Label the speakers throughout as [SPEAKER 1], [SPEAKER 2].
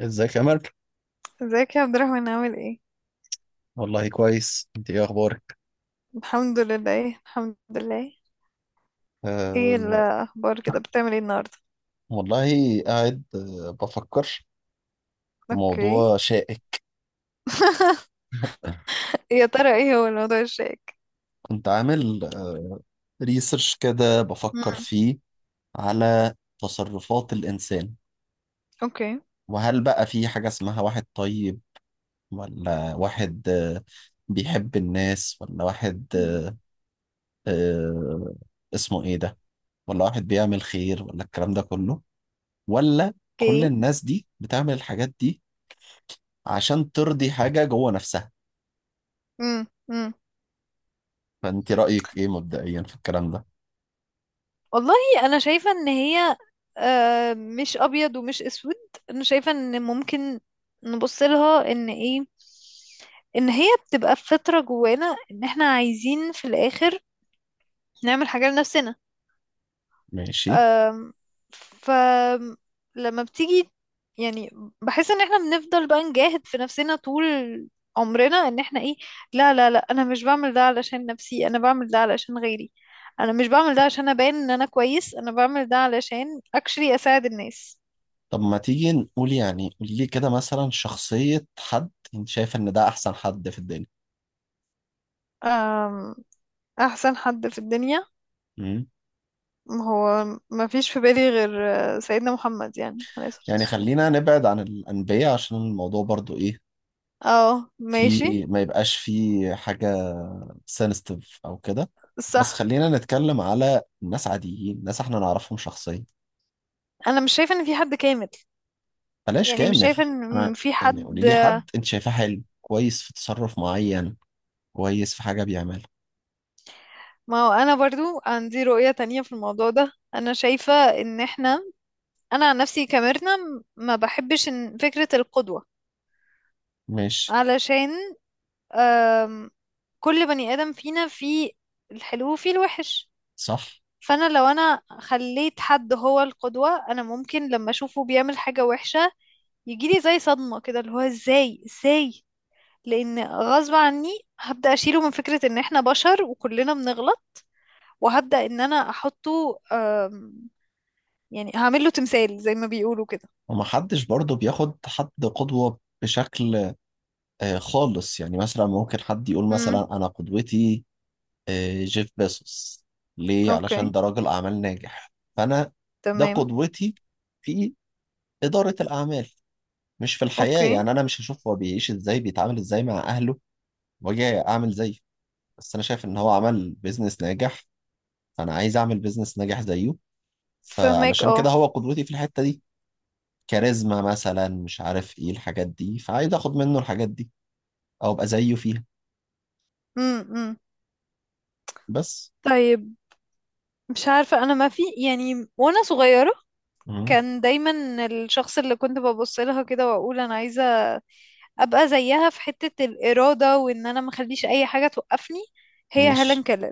[SPEAKER 1] ازيك يا أمل؟
[SPEAKER 2] ازيك يا عبد الرحمن، عامل ايه؟
[SPEAKER 1] والله كويس. انت ايه اخبارك؟
[SPEAKER 2] الحمد لله، ايه، الحمد لله. ايه
[SPEAKER 1] أه.
[SPEAKER 2] الاخبار كده؟ بتعمل ايه النهارده؟
[SPEAKER 1] والله قاعد بفكر في
[SPEAKER 2] اوكي.
[SPEAKER 1] موضوع شائك.
[SPEAKER 2] يا ترى ايه هو الموضوع الشائك؟
[SPEAKER 1] كنت عامل ريسيرش كده، بفكر
[SPEAKER 2] مم.
[SPEAKER 1] فيه على تصرفات الانسان.
[SPEAKER 2] اوكي.
[SPEAKER 1] وهل بقى في حاجة اسمها واحد طيب، ولا واحد بيحب الناس، ولا واحد
[SPEAKER 2] مم.
[SPEAKER 1] أه اسمه ايه ده، ولا واحد بيعمل خير، ولا الكلام ده كله، ولا كل
[SPEAKER 2] اوكي.
[SPEAKER 1] الناس دي بتعمل الحاجات دي عشان ترضي حاجة جوه نفسها؟
[SPEAKER 2] مم. مم.
[SPEAKER 1] فانت رأيك ايه مبدئيا في الكلام ده؟
[SPEAKER 2] والله، انا شايفه ان هي مش ابيض ومش اسود. انا شايفه ان ممكن نبص لها ان ايه، ان هي بتبقى فطره جوانا، ان احنا عايزين في الاخر نعمل حاجه لنفسنا.
[SPEAKER 1] ماشي.
[SPEAKER 2] فلما بتيجي، يعني، بحس ان احنا بنفضل بقى نجاهد في نفسنا طول عمرنا ان احنا ايه، لا لا لا، انا مش بعمل ده علشان نفسي، انا بعمل ده علشان غيري. انا مش بعمل ده عشان ابان ان انا كويس، انا بعمل ده علشان اكشلي اساعد الناس.
[SPEAKER 1] طب ما تيجي نقول، يعني قولي لي كده مثلا، شخصية حد انت شايف ان ده احسن حد في الدنيا.
[SPEAKER 2] أم، احسن حد في الدنيا؟
[SPEAKER 1] امم.
[SPEAKER 2] هو ما فيش في بالي غير سيدنا محمد، يعني عليه الصلاة
[SPEAKER 1] يعني
[SPEAKER 2] والسلام.
[SPEAKER 1] خلينا نبعد عن الأنبياء عشان الموضوع برضو ايه،
[SPEAKER 2] اه،
[SPEAKER 1] في،
[SPEAKER 2] ماشي.
[SPEAKER 1] ما يبقاش فيه حاجة سنستيف او كده. بس
[SPEAKER 2] صح.
[SPEAKER 1] خلينا نتكلم على ناس عاديين، ناس احنا نعرفهم شخصيا.
[SPEAKER 2] انا مش شايفه ان في حد كامل.
[SPEAKER 1] بلاش
[SPEAKER 2] يعني مش
[SPEAKER 1] كامل.
[SPEAKER 2] شايفه
[SPEAKER 1] انا
[SPEAKER 2] ان في
[SPEAKER 1] يعني قولي
[SPEAKER 2] حد.
[SPEAKER 1] لي حد انت شايفاه حلو، كويس في تصرف معين، كويس في حاجة بيعملها.
[SPEAKER 2] ما هو انا برضو عندي رؤية تانية في الموضوع ده. انا شايفة ان احنا، انا عن نفسي كميرنا ما بحبش إن فكرة القدوة.
[SPEAKER 1] ماشي.
[SPEAKER 2] علشان آم، كل بني ادم فينا فيه الحلو وفيه الوحش.
[SPEAKER 1] صح.
[SPEAKER 2] فانا لو انا خليت حد هو القدوة، انا ممكن لما اشوفه بيعمل حاجة وحشة يجيلي زي صدمة كده، اللي هو ازاي ازاي. لان غصب عني هبدأ اشيله من فكرة ان احنا بشر وكلنا بنغلط، وهبدأ ان انا احطه، يعني هعمل له تمثال زي ما بيقولوا كده.
[SPEAKER 1] ومحدش برضه بياخد حد قدوة بشكل خالص، يعني مثلا ممكن حد يقول
[SPEAKER 2] امم.
[SPEAKER 1] مثلا أنا قدوتي جيف بيزوس. ليه؟
[SPEAKER 2] اوكي.
[SPEAKER 1] علشان ده راجل أعمال ناجح، فأنا ده
[SPEAKER 2] تمام.
[SPEAKER 1] قدوتي في إدارة الأعمال، مش في الحياة.
[SPEAKER 2] اوكي.
[SPEAKER 1] يعني أنا مش هشوف هو بيعيش إزاي، بيتعامل إزاي مع أهله، وأجي أعمل زيه. بس أنا شايف إن هو عمل بيزنس ناجح، فأنا عايز أعمل بيزنس ناجح زيه.
[SPEAKER 2] فهمك.
[SPEAKER 1] فعلشان
[SPEAKER 2] اه.
[SPEAKER 1] كده هو قدوتي في الحتة دي. كاريزما مثلا، مش عارف إيه الحاجات دي، فعايز آخد منه الحاجات دي او ابقى زيه فيها.
[SPEAKER 2] امم.
[SPEAKER 1] بس.
[SPEAKER 2] طيب، مش عارفة، انا ما في، يعني وانا صغيرة
[SPEAKER 1] مم.
[SPEAKER 2] كان دايما الشخص اللي كنت ببص لها كده واقول انا عايزة ابقى زيها في حتة الإرادة، وان انا ما اخليش اي حاجة توقفني، هي
[SPEAKER 1] ماشي.
[SPEAKER 2] هيلين كيلر.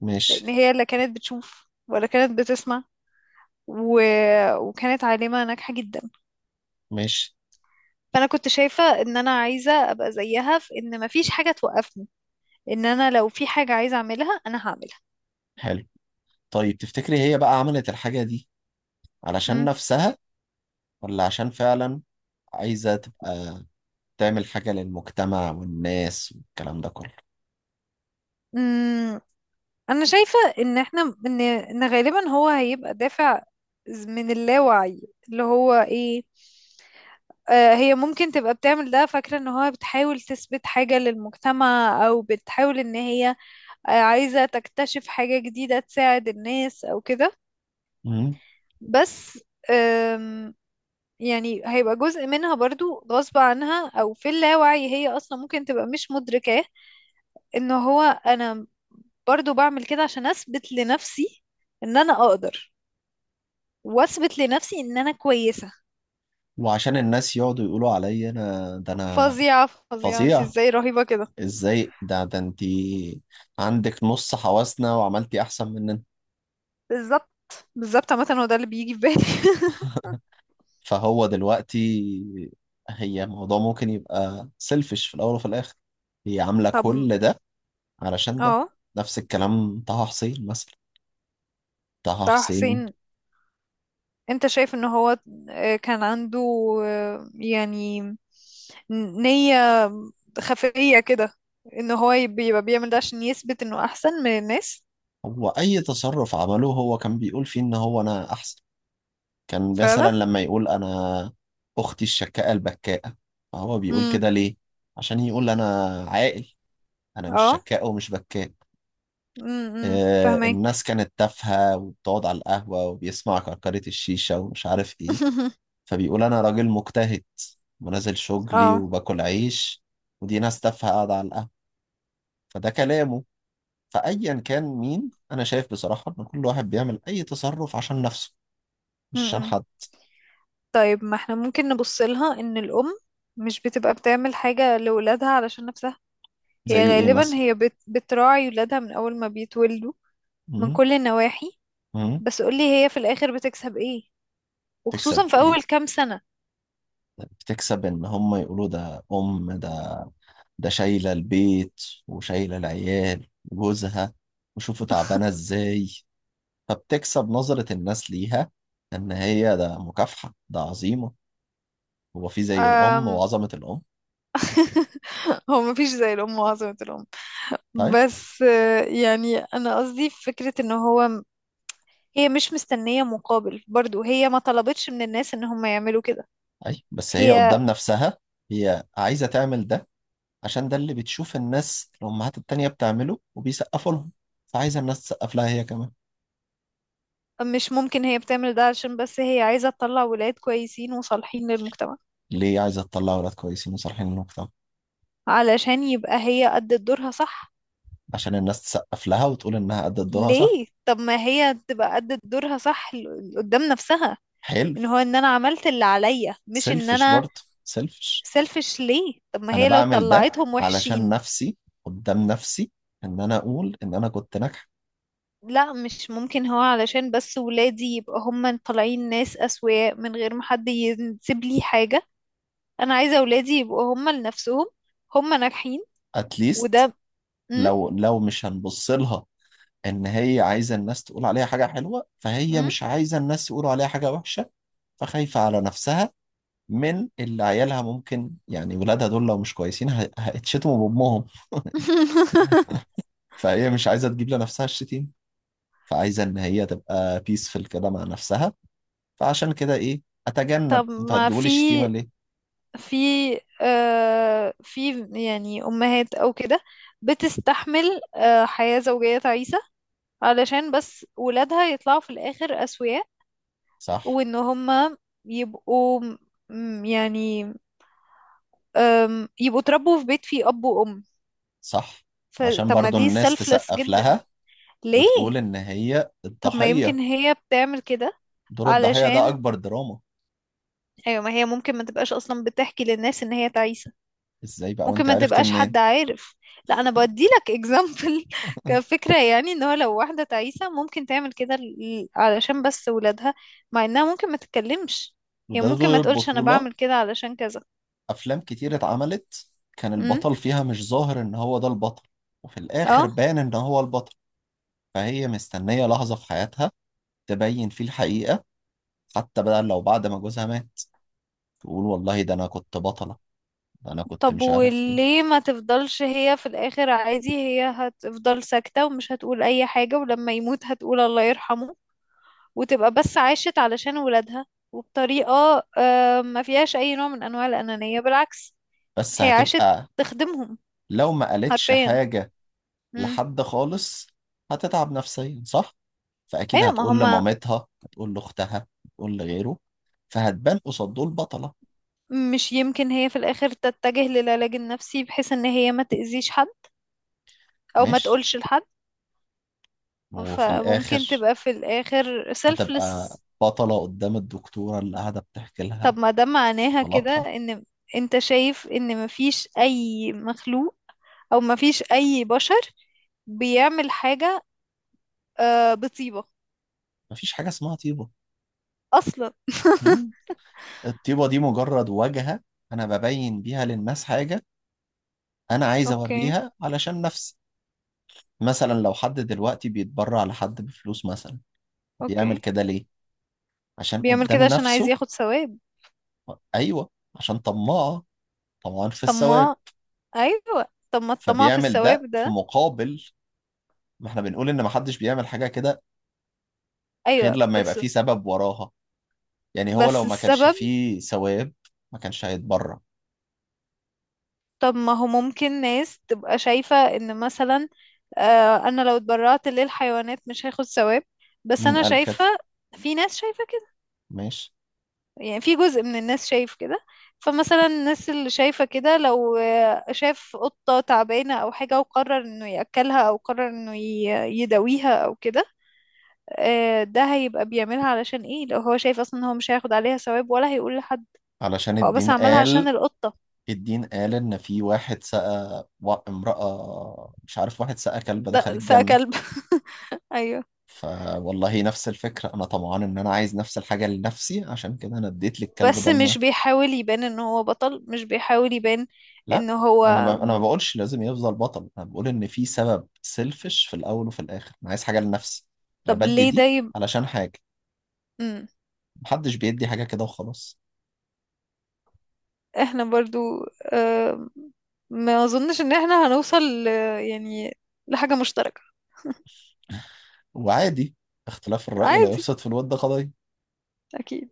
[SPEAKER 1] ماشي.
[SPEAKER 2] لان هي لا كانت بتشوف ولا كانت بتسمع و... وكانت عالمة ناجحة جدا.
[SPEAKER 1] ماشي.
[SPEAKER 2] فانا كنت شايفة ان انا عايزة ابقى زيها في ان ما فيش حاجة توقفني، ان انا لو في حاجة عايزة اعملها انا هعملها.
[SPEAKER 1] حلو. طيب تفتكري هي بقى عملت الحاجة دي علشان
[SPEAKER 2] مم.
[SPEAKER 1] نفسها، ولا عشان فعلا عايزة تبقى تعمل حاجة للمجتمع والناس والكلام ده كله؟
[SPEAKER 2] امم. انا شايفة ان احنا ان غالبا هو هيبقى دافع من اللاوعي، اللي هو ايه، هي ممكن تبقى بتعمل ده فاكرة ان هو بتحاول تثبت حاجة للمجتمع، او بتحاول ان هي عايزة تكتشف حاجة جديدة تساعد الناس او كده.
[SPEAKER 1] مم.
[SPEAKER 2] بس آم، يعني هيبقى جزء منها برضو غصب عنها، او في اللاوعي هي اصلا ممكن تبقى مش مدركاه، ان هو انا برضو بعمل كده عشان اثبت لنفسي ان انا اقدر، واثبت لنفسي ان انا كويسة.
[SPEAKER 1] وعشان الناس يقعدوا يقولوا عليا، انا ده انا.
[SPEAKER 2] فظيعة فظيعة، انت
[SPEAKER 1] فظيع.
[SPEAKER 2] ازاي، رهيبة كده.
[SPEAKER 1] ازاي ده انتي عندك نص حواسنا وعملتي احسن مننا.
[SPEAKER 2] بالظبط. بالظبط، عامة هو ده اللي بيجي في بالي.
[SPEAKER 1] فهو دلوقتي، هي الموضوع ممكن يبقى سيلفش في الأول وفي الآخر. هي عاملة
[SPEAKER 2] طب،
[SPEAKER 1] كل ده علشان ده.
[SPEAKER 2] اه.
[SPEAKER 1] نفس الكلام طه حسين مثلا. طه
[SPEAKER 2] طه
[SPEAKER 1] حسين.
[SPEAKER 2] حسين. انت شايف ان هو كان عنده يعني نية خفية كده، ان هو بيبقى بيعمل ده عشان يثبت انه احسن من الناس.
[SPEAKER 1] هو أي تصرف عمله، هو كان بيقول فيه إن هو أنا أحسن. كان
[SPEAKER 2] فعلا.
[SPEAKER 1] مثلا لما يقول أنا أختي الشكاءة البكاءة، فهو بيقول
[SPEAKER 2] امم.
[SPEAKER 1] كده ليه؟ عشان يقول أنا عاقل، أنا مش
[SPEAKER 2] اه،
[SPEAKER 1] شكاء ومش بكاء.
[SPEAKER 2] امم، فهمك.
[SPEAKER 1] الناس كانت تافهة، وبتقعد على القهوة وبيسمع كركرة الشيشة ومش عارف إيه، فبيقول أنا راجل مجتهد ونازل شغلي
[SPEAKER 2] اه،
[SPEAKER 1] وباكل عيش، ودي ناس تافهة قاعدة على القهوة. فده كلامه. فأيا كان مين، أنا شايف بصراحة إن كل واحد بيعمل أي تصرف عشان نفسه، مش عشان
[SPEAKER 2] امم.
[SPEAKER 1] حد.
[SPEAKER 2] طيب، ما احنا ممكن نبص لها ان الام مش بتبقى بتعمل حاجة لولادها علشان نفسها.
[SPEAKER 1] زي
[SPEAKER 2] هي
[SPEAKER 1] إيه
[SPEAKER 2] غالبا
[SPEAKER 1] مثلا؟
[SPEAKER 2] هي بتراعي ولادها من اول ما بيتولدوا، من
[SPEAKER 1] م؟
[SPEAKER 2] كل النواحي.
[SPEAKER 1] م؟
[SPEAKER 2] بس قولي، هي في الاخر بتكسب ايه،
[SPEAKER 1] تكسب
[SPEAKER 2] وخصوصا في
[SPEAKER 1] إيه؟
[SPEAKER 2] اول كام سنة؟
[SPEAKER 1] بتكسب إن هم يقولوا ده أم، ده ده شايلة البيت وشايلة العيال وجوزها، وشوفوا تعبانة إزاي. فبتكسب نظرة الناس ليها إن هي ده مكافحة، ده عظيمة. هو في زي الأم
[SPEAKER 2] أم...
[SPEAKER 1] وعظمة الأم.
[SPEAKER 2] هو مفيش زي الام وعظمة الام.
[SPEAKER 1] طيب.
[SPEAKER 2] بس يعني انا قصدي في فكرة ان هو هي مش مستنية مقابل، برضو هي ما طلبتش من الناس ان هم يعملوا كده.
[SPEAKER 1] أي بس هي
[SPEAKER 2] هي.
[SPEAKER 1] قدام نفسها، هي عايزة تعمل ده عشان ده اللي بتشوف الناس الأمهات التانية بتعمله وبيسقفوا لهم، فعايزة الناس تسقف لها هي كمان.
[SPEAKER 2] مش ممكن هي بتعمل ده عشان بس هي عايزة تطلع ولاد كويسين وصالحين للمجتمع؟
[SPEAKER 1] ليه عايزة تطلع ولاد كويسين وصالحين للمجتمع؟
[SPEAKER 2] علشان يبقى هي أدت دورها صح.
[SPEAKER 1] عشان الناس تسقف لها وتقول إنها أدت دورها صح.
[SPEAKER 2] ليه؟ طب ما هي تبقى أدت دورها صح قدام نفسها،
[SPEAKER 1] حلو.
[SPEAKER 2] ان هو ان انا عملت اللي عليا، مش ان
[SPEAKER 1] سيلفش
[SPEAKER 2] انا.
[SPEAKER 1] برضه سيلفش.
[SPEAKER 2] سيلفش ليه؟ طب ما
[SPEAKER 1] أنا
[SPEAKER 2] هي لو
[SPEAKER 1] بعمل ده
[SPEAKER 2] طلعتهم
[SPEAKER 1] علشان
[SPEAKER 2] وحشين،
[SPEAKER 1] نفسي، قدام نفسي، إن أنا أقول إن أنا كنت ناجحة.
[SPEAKER 2] لا مش ممكن، هو علشان بس ولادي يبقى هم طالعين ناس أسوياء، من غير ما حد يسيب لي حاجة. انا عايزة ولادي يبقوا هم لنفسهم، هم ناجحين.
[SPEAKER 1] أتليست
[SPEAKER 2] وده
[SPEAKER 1] لو مش هنبص لها ان هي عايزه الناس تقول عليها حاجه حلوه، فهي
[SPEAKER 2] م?
[SPEAKER 1] مش عايزه الناس يقولوا عليها حاجه وحشه، فخايفه على نفسها. من اللي عيالها ممكن، يعني ولادها دول لو مش كويسين هيتشتموا بامهم. فهي مش عايزه تجيب لنفسها الشتيم، فعايزه ان هي تبقى بيسفل كده مع نفسها. فعشان كده ايه، اتجنب،
[SPEAKER 2] طب،
[SPEAKER 1] انتوا
[SPEAKER 2] ما
[SPEAKER 1] هتجيبوا لي
[SPEAKER 2] في
[SPEAKER 1] الشتيمه ليه؟
[SPEAKER 2] في في، يعني أمهات أو كده بتستحمل حياة زوجية تعيسة علشان بس ولادها يطلعوا في الآخر أسوياء.
[SPEAKER 1] صح.
[SPEAKER 2] وإن هما يبقوا يعني يبقوا اتربوا في بيت فيه أب وأم.
[SPEAKER 1] صح. عشان
[SPEAKER 2] فطب ما
[SPEAKER 1] برضو
[SPEAKER 2] دي
[SPEAKER 1] الناس
[SPEAKER 2] selfless
[SPEAKER 1] تسقف
[SPEAKER 2] جدا.
[SPEAKER 1] لها
[SPEAKER 2] ليه؟
[SPEAKER 1] وتقول ان هي
[SPEAKER 2] طب ما يمكن
[SPEAKER 1] الضحيه،
[SPEAKER 2] هي بتعمل كده
[SPEAKER 1] دور الضحيه ده
[SPEAKER 2] علشان.
[SPEAKER 1] اكبر دراما.
[SPEAKER 2] أيوة، ما هي ممكن ما تبقاش أصلا بتحكي للناس إن هي تعيسة.
[SPEAKER 1] ازاي بقى
[SPEAKER 2] ممكن
[SPEAKER 1] وانت
[SPEAKER 2] ما
[SPEAKER 1] عرفتي
[SPEAKER 2] تبقاش حد
[SPEAKER 1] منين؟
[SPEAKER 2] عارف. لا انا بدي لك اكزامبل كفكره، يعني ان هو لو واحده تعيسه ممكن تعمل كده علشان بس ولادها، مع انها ممكن ما تتكلمش. هي
[SPEAKER 1] وده
[SPEAKER 2] ممكن
[SPEAKER 1] دور
[SPEAKER 2] ما تقولش انا
[SPEAKER 1] البطولة.
[SPEAKER 2] بعمل كده علشان كذا.
[SPEAKER 1] أفلام كتير اتعملت كان
[SPEAKER 2] امم.
[SPEAKER 1] البطل فيها مش ظاهر إن هو ده البطل، وفي الآخر
[SPEAKER 2] اه.
[SPEAKER 1] بان إن هو البطل. فهي مستنية لحظة في حياتها تبين فيه الحقيقة، حتى بقى لو بعد ما جوزها مات تقول والله ده أنا كنت بطلة، ده أنا كنت
[SPEAKER 2] طب
[SPEAKER 1] مش عارف إيه.
[SPEAKER 2] وليه ما تفضلش هي في الاخر عادي، هي هتفضل ساكته ومش هتقول اي حاجه، ولما يموت هتقول الله يرحمه، وتبقى بس عاشت علشان ولادها، وبطريقه ما فيهاش اي نوع من انواع الانانيه، بالعكس،
[SPEAKER 1] بس
[SPEAKER 2] هي عاشت
[SPEAKER 1] هتبقى
[SPEAKER 2] تخدمهم
[SPEAKER 1] لو ما قالتش
[SPEAKER 2] حرفيا.
[SPEAKER 1] حاجة
[SPEAKER 2] امم.
[SPEAKER 1] لحد خالص، هتتعب نفسيا صح؟ فأكيد
[SPEAKER 2] ايوه، ما
[SPEAKER 1] هتقول
[SPEAKER 2] هما،
[SPEAKER 1] لمامتها، هتقول لأختها، هتقول لغيره، فهتبان قصاد دول بطلة.
[SPEAKER 2] مش يمكن هي في الاخر تتجه للعلاج النفسي بحيث ان هي ما تأذيش حد، او ما
[SPEAKER 1] مش
[SPEAKER 2] تقولش لحد؟
[SPEAKER 1] وفي
[SPEAKER 2] فممكن
[SPEAKER 1] الآخر
[SPEAKER 2] تبقى في الاخر
[SPEAKER 1] هتبقى
[SPEAKER 2] سيلفلس.
[SPEAKER 1] بطلة قدام الدكتورة اللي قاعدة بتحكي لها
[SPEAKER 2] طب ما ده معناها كده
[SPEAKER 1] بطلاتها.
[SPEAKER 2] ان انت شايف ان مفيش اي مخلوق، او مفيش اي بشر بيعمل حاجة بطيبة
[SPEAKER 1] مفيش حاجة اسمها طيبة.
[SPEAKER 2] اصلا؟
[SPEAKER 1] مم؟ الطيبة دي مجرد واجهة. أنا ببين بيها للناس حاجة، أنا عايز
[SPEAKER 2] اوكي.
[SPEAKER 1] أوريها علشان نفسي. مثلا لو حد دلوقتي بيتبرع لحد بفلوس مثلا، بيعمل
[SPEAKER 2] اوكي،
[SPEAKER 1] كده ليه؟ عشان
[SPEAKER 2] بيعمل كده
[SPEAKER 1] قدام
[SPEAKER 2] عشان عايز
[SPEAKER 1] نفسه.
[SPEAKER 2] ياخد ثواب.
[SPEAKER 1] أيوه. عشان طماعة، طمعان في
[SPEAKER 2] طب
[SPEAKER 1] الثواب.
[SPEAKER 2] ما، ايوه، طب ما الطمع في
[SPEAKER 1] فبيعمل ده
[SPEAKER 2] الثواب
[SPEAKER 1] في
[SPEAKER 2] ده.
[SPEAKER 1] مقابل. ما احنا بنقول إن محدش بيعمل حاجة كده غير
[SPEAKER 2] ايوه
[SPEAKER 1] لما يبقى
[SPEAKER 2] بس.
[SPEAKER 1] فيه سبب وراها. يعني هو
[SPEAKER 2] بس
[SPEAKER 1] لو ما كانش
[SPEAKER 2] السبب.
[SPEAKER 1] فيه ثواب، ما كانش هيتبرع.
[SPEAKER 2] طب ما هو ممكن ناس تبقى شايفة ان مثلا انا لو اتبرعت للحيوانات مش هاخد ثواب، بس
[SPEAKER 1] مين
[SPEAKER 2] انا
[SPEAKER 1] قال كده؟
[SPEAKER 2] شايفة. في ناس شايفة كده،
[SPEAKER 1] ماشي.
[SPEAKER 2] يعني في جزء من الناس شايف كده. فمثلا الناس اللي شايفة كده لو شاف قطة تعبانة أو حاجة وقرر إنه يأكلها، أو قرر إنه يداويها أو كده، ده هيبقى بيعملها علشان إيه لو هو شايف أصلا إن هو مش هياخد عليها ثواب ولا هيقول لحد؟
[SPEAKER 1] علشان
[SPEAKER 2] هو بس
[SPEAKER 1] الدين
[SPEAKER 2] عملها عشان
[SPEAKER 1] قال.
[SPEAKER 2] القطة.
[SPEAKER 1] الدين قال ان في واحد سقى امرأة، مش عارف، واحد سقى كلب دخل
[SPEAKER 2] ده سا
[SPEAKER 1] الجنة.
[SPEAKER 2] كلب. أيوه،
[SPEAKER 1] فوالله نفس الفكرة، انا طمعان ان انا عايز نفس الحاجة لنفسي، عشان كده انا اديت للكلب
[SPEAKER 2] بس
[SPEAKER 1] ده الماء.
[SPEAKER 2] مش بيحاول يبان ان هو بطل، مش بيحاول يبان
[SPEAKER 1] لا،
[SPEAKER 2] ان هو.
[SPEAKER 1] انا ما بقولش لازم يفضل بطل، انا بقول ان في سبب سيلفش في الاول وفي الاخر، انا عايز حاجة لنفسي. انا
[SPEAKER 2] طب
[SPEAKER 1] بدي
[SPEAKER 2] ليه ده
[SPEAKER 1] دي علشان حاجة،
[SPEAKER 2] مم.
[SPEAKER 1] محدش بيدي حاجة كده وخلاص.
[SPEAKER 2] احنا برضو آم، ما اظنش ان احنا هنوصل ل- يعني لحاجة مشتركة.
[SPEAKER 1] وعادي، اختلاف الرأي لا
[SPEAKER 2] عادي.
[SPEAKER 1] يفسد في الود قضية.
[SPEAKER 2] اكيد.